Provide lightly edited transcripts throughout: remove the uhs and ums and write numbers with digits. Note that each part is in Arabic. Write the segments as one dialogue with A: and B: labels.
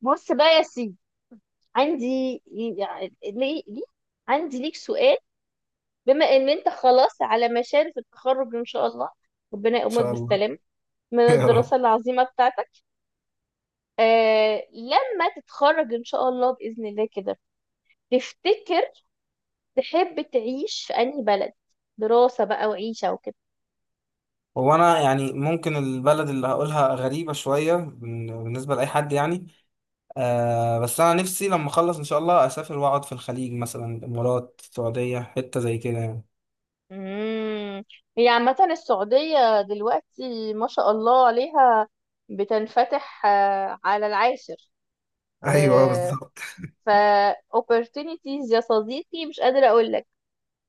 A: بص بقى يا سيدي، عندي، يعني ليه ليه عندي ليك سؤال. بما ان انت خلاص على مشارف التخرج ان شاء الله، ربنا يقومك
B: شاء الله.
A: بالسلامة من
B: يا
A: الدراسة
B: رب.
A: العظيمة بتاعتك. لما تتخرج ان شاء الله بإذن الله كده، تفتكر تحب تعيش في انهي بلد؟ دراسة بقى وعيشة وكده.
B: هو انا يعني ممكن البلد اللي هقولها غريبة شوية بالنسبة لأي حد يعني. بس أنا نفسي لما أخلص إن شاء الله أسافر وأقعد في الخليج مثلا الإمارات، السعودية، حتة زي كده يعني.
A: امم هي عامة السعودية دلوقتي ما شاء الله عليها، بتنفتح على العاشر.
B: ايوه،
A: آه،
B: بالظبط.
A: ف opportunities يا صديقي، مش قادرة أقول لك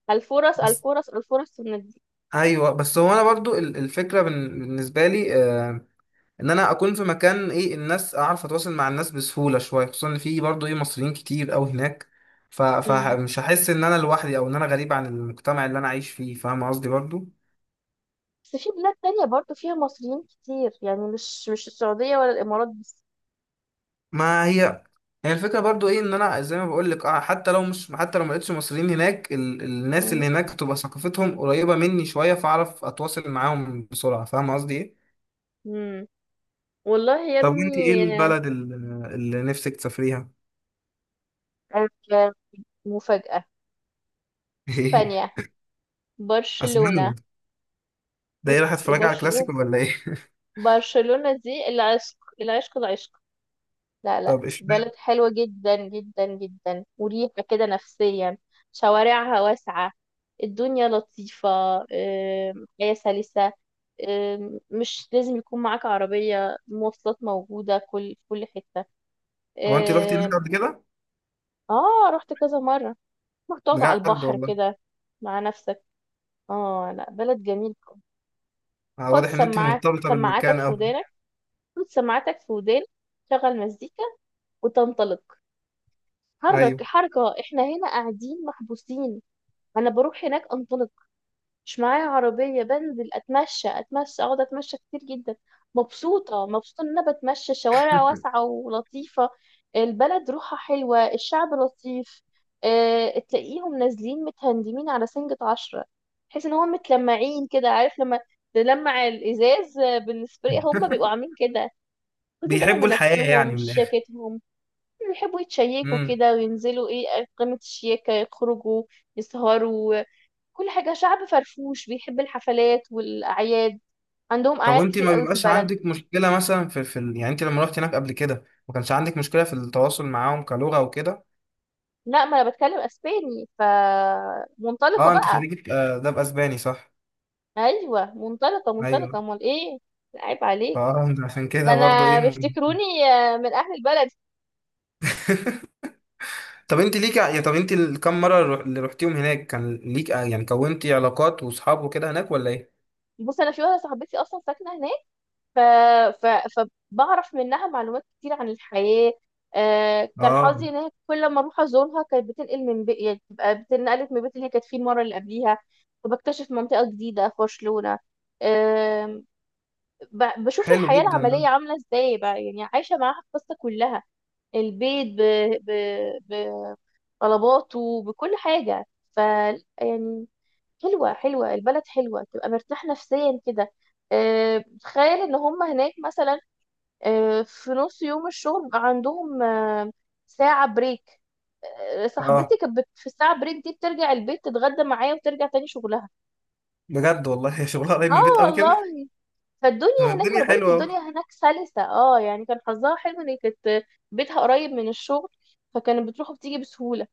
A: الفرص
B: بس
A: الفرص الفرص دي.
B: ايوه، بس هو انا برضو الفكره بالنسبه لي، آه ان انا اكون في مكان ايه الناس، اعرف اتواصل مع الناس بسهوله شويه، خصوصا ان في برضو ايه مصريين كتير قوي هناك.
A: امم
B: فمش هحس ان انا لوحدي او ان انا غريب عن المجتمع اللي انا عايش فيه، فاهم قصدي برضو.
A: بس في بلاد تانية برضو فيها مصريين كتير، يعني مش السعودية ولا الإمارات بس.
B: ما هي الفكرة برضو ايه، ان انا زي ما بقول لك حتى لو ما لقيتش مصريين هناك الناس اللي
A: مم.
B: هناك تبقى ثقافتهم قريبة مني شوية، فاعرف اتواصل معاهم بسرعة، فاهم قصدي ايه.
A: امم والله يا
B: طب وانت ايه
A: ابني.
B: البلد اللي نفسك تسافريها؟
A: آه، آه، مفاجأة! إسبانيا. برشلونة.
B: اسبانيا؟ ده ايه، رايحة
A: بص،
B: اتفرج على
A: برشلونة.
B: كلاسيكو ولا ايه؟
A: برشلونة دي العشق العشق العشق. لا لا،
B: طب اشمعنى؟
A: بلد حلوة جدا جدا جدا، مريحة كده نفسيا. شوارعها واسعة. الدنيا لطيفة. حياة سلسة. مش لازم يكون معاك عربية، مواصلات موجودة في كل حتة.
B: هو انت رحتي هناك
A: آم،
B: قبل كده؟
A: اه، رحت كذا مرة. رحت تقعد على
B: بجد
A: البحر
B: والله.
A: كده مع نفسك. اه لا، بلد جميل. حط
B: واضح ان انت مرتبطة
A: سماعاتك
B: بالمكان
A: في
B: اوي.
A: ودانك. حط سماعاتك في ودانك. شغل مزيكا وتنطلق.
B: ايوه.
A: حرك حركة، احنا هنا قاعدين محبوسين. انا بروح هناك انطلق. مش معايا عربية، بنزل اتمشى اتمشى اقعد اتمشى كتير جدا. مبسوطة مبسوطة ان انا بتمشى شوارع واسعة ولطيفة. البلد روحها حلوة، الشعب لطيف. اه، تلاقيهم نازلين متهندمين على سنجة عشرة. تحس ان هم متلمعين كده، عارف لما تلمع الازاز بالسبراي، هم بيبقوا عاملين كده. واخدين بالهم
B: بيحبوا
A: من
B: الحياة،
A: نفسهم،
B: يعني من
A: شاكتهم. بيحبوا يتشيكوا
B: الاخر.
A: كده وينزلوا ايه قمة الشياكة، يخرجوا يسهروا كل حاجة. شعب فرفوش، بيحب الحفلات والأعياد. عندهم
B: طب
A: أعياد
B: وانت
A: كتير
B: ما
A: قوي في
B: بيبقاش
A: البلد.
B: عندك مشكلة مثلا في يعني انت لما رحت هناك قبل كده ما كانش عندك مشكلة في التواصل معاهم كلغة وكده؟
A: لا، ما أنا بتكلم أسباني فمنطلقة
B: اه، انت
A: بقى.
B: خريجة، ده بأسباني صح؟
A: أيوة منطلقة منطلقة،
B: ايوه.
A: أمال إيه. لا، عيب عليك.
B: فاه انت عشان
A: ده
B: كده برضه
A: أنا
B: ايه
A: بيفتكروني من أهل البلد.
B: طب انت ليك ع- يا طب انت الكام مرة اللي رحتيهم هناك كان ليك، يعني كونتي علاقات واصحاب وكده هناك ولا ايه؟
A: بص، أنا في واحدة صاحبتي أصلا ساكنة هناك. ف... ف... فبعرف منها معلومات كتير عن الحياة. كان
B: اه.
A: حظي ان هي كل ما اروح ازورها كانت بتنقل يعني بتنقلت من البيت اللي هي كانت فيه المرة اللي قبليها. فبكتشف منطقة جديدة في برشلونة. آم، بشوف
B: حلو
A: الحياة
B: جدا ده.
A: العملية عاملة ازاي بقى، يعني عايشة معاها القصة كلها. البيت ب... ب... طلباته بكل حاجة. ف يعني، حلوة، حلوة البلد حلوة، تبقى مرتاح نفسيا كده. تخيل ان هم هناك مثلا، في نص يوم الشغل بقى عندهم ساعة بريك. صاحبتي
B: اه
A: كانت في الساعة بريك دي بترجع البيت تتغدى معايا وترجع تاني شغلها.
B: بجد والله. هي شغلها قريب من
A: اه
B: البيت قوي
A: والله.
B: كده.
A: فالدنيا
B: طب
A: هناك، ما
B: الدنيا
A: انا بقولك
B: حلوة اهو.
A: الدنيا هناك سلسة، يعني كان حظها حلو ان هي كانت بيتها قريب من الشغل، فكانت بتروح وبتيجي بسهولة.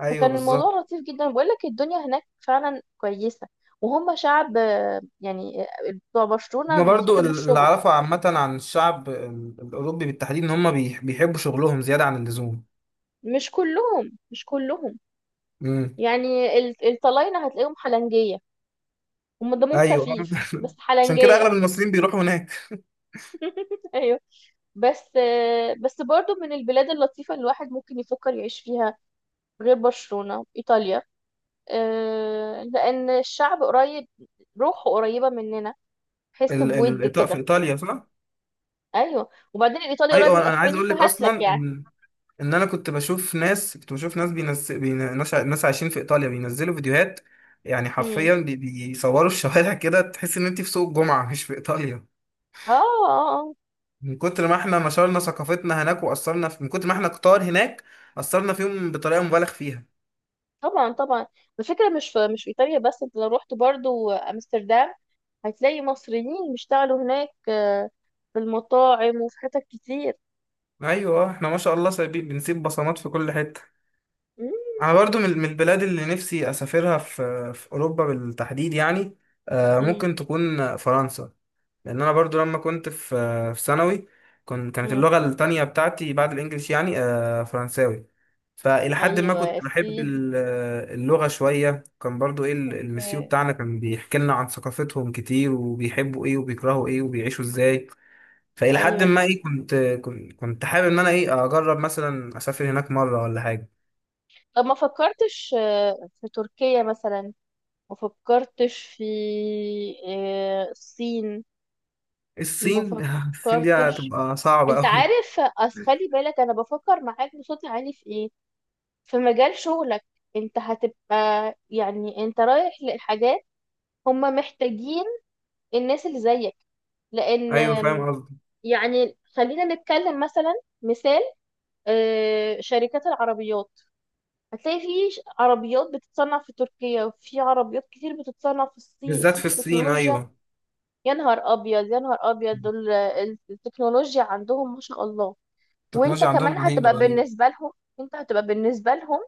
B: ايوه
A: فكان
B: بالظبط.
A: الموضوع لطيف جدا، بقولك الدنيا هناك فعلا كويسة. وهم شعب يعني بتوع برشلونة
B: هما برضو
A: بيحبوا
B: اللي
A: الشغل.
B: أعرفه عامة عن الشعب الأوروبي بالتحديد، إن هما بيحبوا شغلهم زيادة عن اللزوم.
A: مش كلهم، مش كلهم.
B: امم.
A: يعني الطلاينة هتلاقيهم حلنجية، هم دمهم
B: أيوه.
A: خفيف بس
B: عشان كده أغلب
A: حلنجية.
B: المصريين بيروحوا هناك.
A: ايوه. بس بس برضو من البلاد اللطيفة اللي الواحد ممكن يفكر يعيش فيها غير برشلونة، إيطاليا، لأن الشعب قريب، روحه قريبة مننا، حس بود
B: في
A: كده.
B: إيطاليا، صح؟
A: أيوه، وبعدين الإيطالي قريب من
B: أيوه. أنا عايز
A: الأسباني
B: أقول لك أصلا
A: فهسلك يعني.
B: إن أنا كنت بشوف ناس، بينز... بين... ناس... ع- ناس عايشين في إيطاليا بينزلوا فيديوهات، يعني
A: مم.
B: حرفيا بيصوروا الشوارع. كده تحس إن أنت في سوق الجمعة مش في إيطاليا.
A: اه آه،
B: من كتر ما إحنا نشرنا ثقافتنا هناك، من كتر ما إحنا كتار هناك أثرنا فيهم بطريقة مبالغ فيها.
A: طبعا طبعا، الفكرة مش في إيطاليا بس. انت لو رحت برضو أمستردام هتلاقي مصريين بيشتغلوا هناك في المطاعم وفي حتت كتير.
B: ايوه. احنا ما شاء الله بنسيب بصمات في كل حته.
A: مم،
B: انا برضو من البلاد اللي نفسي اسافرها في اوروبا بالتحديد، يعني
A: مم،
B: ممكن تكون فرنسا. لان انا برضو لما كنت في ثانوي، كانت
A: مم.
B: اللغه التانية بتاعتي بعد الانجليش، يعني فرنساوي. فالى حد ما
A: أيوة يا
B: كنت بحب
A: سيدي.
B: اللغه شويه. كان برضو ايه المسيو
A: آه،
B: بتاعنا كان بيحكي لنا عن ثقافتهم كتير، وبيحبوا ايه وبيكرهوا ايه وبيعيشوا ازاي. فإلى حد
A: أيوة،
B: ما إيه كنت حابب إن أنا إيه أجرب مثلا أسافر هناك مرة ولا حاجة.
A: طب ما فكرتش في تركيا مثلا. ما فكرتش في الصين. ما
B: الصين. الصين دي
A: فكرتش.
B: هتبقى صعبة
A: انت
B: أوي.
A: عارف، أصل خلي بالك انا بفكر معاك بصوت عالي في ايه، في مجال شغلك. انت هتبقى، يعني انت رايح لحاجات هم محتاجين الناس اللي زيك. لان
B: أيوه فاهم قصدي.
A: يعني خلينا نتكلم مثلا. مثال، شركات العربيات، هتلاقي في عربيات بتتصنع في تركيا، وفي عربيات كتير بتتصنع في الصين.
B: بالذات
A: الصين
B: في الصين،
A: تكنولوجيا.
B: أيوه.
A: يا نهار ابيض، يا نهار ابيض، دول التكنولوجيا عندهم ما شاء الله. وانت
B: التكنولوجيا
A: كمان
B: عندهم رهيبة
A: هتبقى
B: رهيبة.
A: بالنسبة لهم، انت هتبقى بالنسبة لهم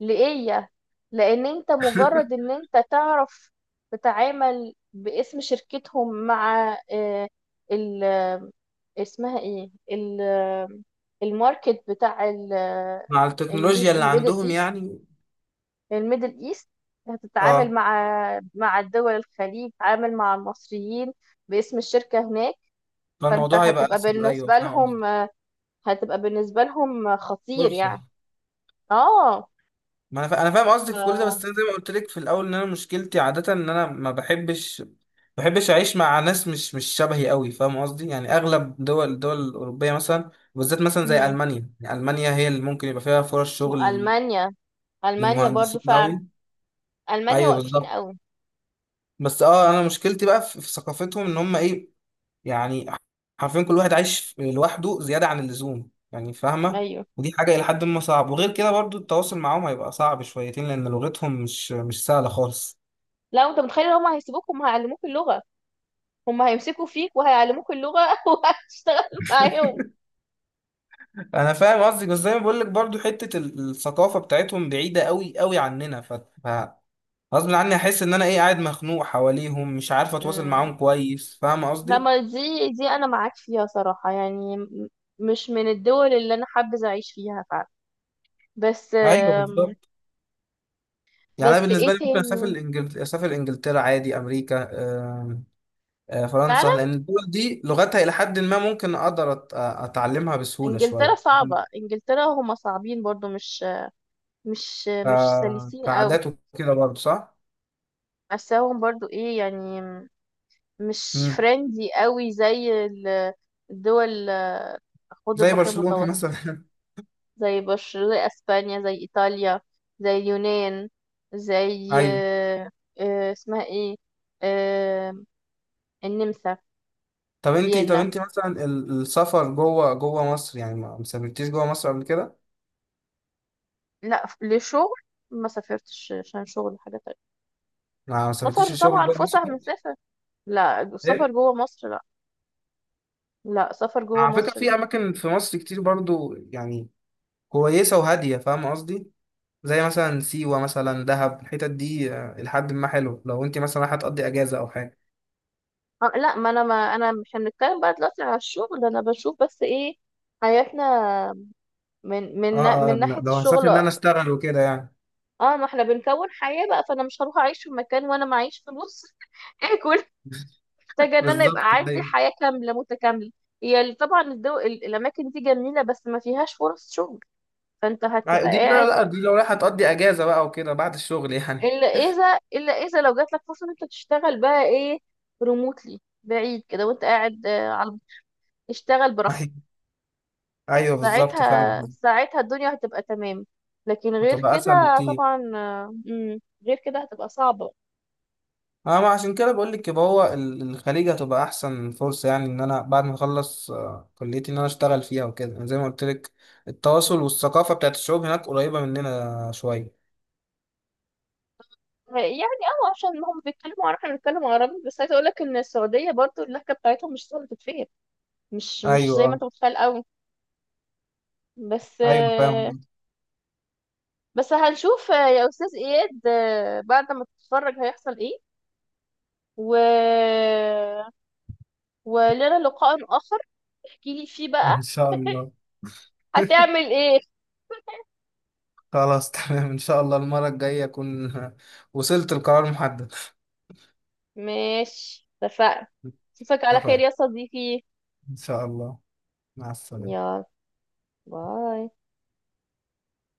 A: لإيه؟ لأن أنت مجرد إن أنت تعرف تتعامل باسم شركتهم مع آه، ال آه، اسمها إيه الماركت بتاع
B: مع التكنولوجيا اللي
A: الميدل
B: عندهم
A: إيست.
B: يعني.
A: الميدل إيست هتتعامل
B: اه.
A: مع الدول الخليج، تتعامل مع المصريين باسم الشركة هناك. فأنت
B: فالموضوع هيبقى
A: هتبقى
B: اسهل، ايوه
A: بالنسبة
B: فاهم
A: لهم،
B: قصدك.
A: هتبقى بالنسبة لهم خطير يعني.
B: فرصه.
A: اه.
B: ما انا انا فاهم
A: ف...
B: قصدك في كل ده، بس انا زي ما قلت لك في الاول ان انا مشكلتي عاده ان انا ما بحبش اعيش مع ناس مش شبهي قوي، فاهم قصدي، يعني اغلب الدول الاوروبيه مثلا، وبالذات مثلا زي
A: مم.
B: المانيا، يعني المانيا هي اللي ممكن يبقى فيها فرص شغل
A: وألمانيا، ألمانيا برضو
B: للمهندسين
A: فعلا،
B: قوي.
A: ألمانيا
B: ايوه
A: واقفين
B: بالظبط.
A: قوي.
B: بس انا مشكلتي بقى في ثقافتهم، ان هم ايه، يعني حرفيا كل واحد عايش لوحده زياده عن اللزوم، يعني فاهمه.
A: أيوه،
B: ودي حاجه الى حد ما صعب، وغير كده برضو التواصل معاهم هيبقى صعب شويتين لان لغتهم مش سهله خالص.
A: لا أنت متخيل، هم هيسيبوك، هم هيعلموك اللغة، هم هيمسكوا فيك وهيعلموك اللغة وهتشتغل معاهم.
B: انا فاهم قصدك، بس زي ما بقول لك برضو حته الثقافه بتاعتهم بعيده قوي قوي عننا، غصب عني احس ان انا ايه قاعد مخنوق حواليهم، مش عارف اتواصل
A: امم
B: معاهم كويس، فاهم
A: لما،
B: قصدي.
A: دي أنا معاك فيها صراحة. يعني مش من الدول اللي أنا حابة أعيش فيها فعلا، بس
B: ايوه بالظبط. يعني انا
A: بس إيه
B: بالنسبه لي ممكن
A: تاني؟
B: اسافر انجلترا عادي، امريكا، آم، فرنسا، لان
A: فعلا،
B: الدول دي لغتها الى حد ما ممكن اقدر اتعلمها بسهوله
A: إنجلترا
B: شويه.
A: صعبة، إنجلترا هم صعبين برضو، مش مش
B: ف-
A: مش سلسين قوي.
B: كعادات وكده برضو صح.
A: بس هم برضو إيه يعني، مش
B: مم.
A: فريندي قوي زي الدول حوض
B: زي
A: البحر
B: برشلونه
A: المتوسط.
B: مثلا.
A: زي بشر، زي اسبانيا، زي ايطاليا، زي اليونان، زي
B: ايوه.
A: اسمها ايه، آه، النمسا،
B: طب انتي،
A: فيينا.
B: مثلا السفر جوه مصر، يعني ما سافرتيش جوه مصر قبل كده؟
A: لا، لشغل ما سافرتش، عشان شغل حاجة تانية.
B: ما سافرتيش
A: سفر
B: الشغل
A: طبعا،
B: جوه مصر
A: فسح من
B: كده؟
A: سفر. لا السفر
B: ايه؟
A: جوه مصر، لا. لا سفر جوه
B: على فكرة
A: مصر لا.
B: في أماكن في مصر كتير برضو، يعني كويسة وهادية، فاهم قصدي؟ زي مثلا سيوة، مثلا دهب، الحتت دي لحد ما حلو لو انتي مثلا رايحة تقضي أجازة أو حاجة.
A: لا، ما انا مش هنتكلم بقى دلوقتي على الشغل. انا بشوف بس ايه، حياتنا من من نا-
B: اه اه،
A: من
B: لا،
A: ناحية
B: لو هسافر
A: الشغل.
B: إن أنا أشتغل وكده يعني.
A: اه، ما احنا بنكون حياة بقى، فانا مش هروح اعيش في مكان وانا معيش فلوس اكل. محتاجة ان انا
B: بالظبط
A: يبقى عندي
B: دي.
A: حياة كاملة متكاملة. هي طبعا الاماكن دي جميلة، بس ما فيهاش فرص شغل، فانت هتبقى
B: دي، لا
A: قاعد.
B: لا، دي لو رايحة تقضي أجازة بقى وكده بعد الشغل يعني.
A: الا اذا لو جات لك فرصة ان انت تشتغل بقى ايه، ريموتلي، بعيد كده، وانت قاعد على، اشتغل براحتك.
B: أيوه. أيوه بالظبط فاهم
A: ساعتها
B: قصدي.
A: ساعتها الدنيا هتبقى تمام. لكن غير
B: هتبقى أسهل
A: كده
B: بكتير.
A: طبعا. غير كده هتبقى صعبة.
B: اه، ما عشان كده بقول لك يبقى هو الخليج هتبقى احسن فرصه، يعني ان انا بعد ما اخلص كليتي ان انا اشتغل فيها وكده، يعني زي ما قلت لك التواصل والثقافه بتاعت الشعوب هناك قريبه مننا شويه.
A: يعني عشان هم بيتكلموا عربي احنا بنتكلم عربي، بس عايزه اقول لك ان السعوديه برضو اللهجه بتاعتهم مش سهله تتفهم، مش
B: ايوه.
A: زي ما
B: اه.
A: انت متخيل قوي. بس
B: ايوه فاهم.
A: بس هنشوف يا استاذ اياد بعد ما تتفرج هيحصل ايه. و ولنا لقاء اخر احكي لي فيه بقى
B: ان شاء الله.
A: هتعمل ايه.
B: خلاص تمام، ان شاء الله المره الجايه اكون وصلت لقرار محدد.
A: ماشي، اتفقنا. اشوفك على خير
B: اتفقنا.
A: يا صديقي.
B: ان شاء الله. مع السلامه.
A: يلا، باي.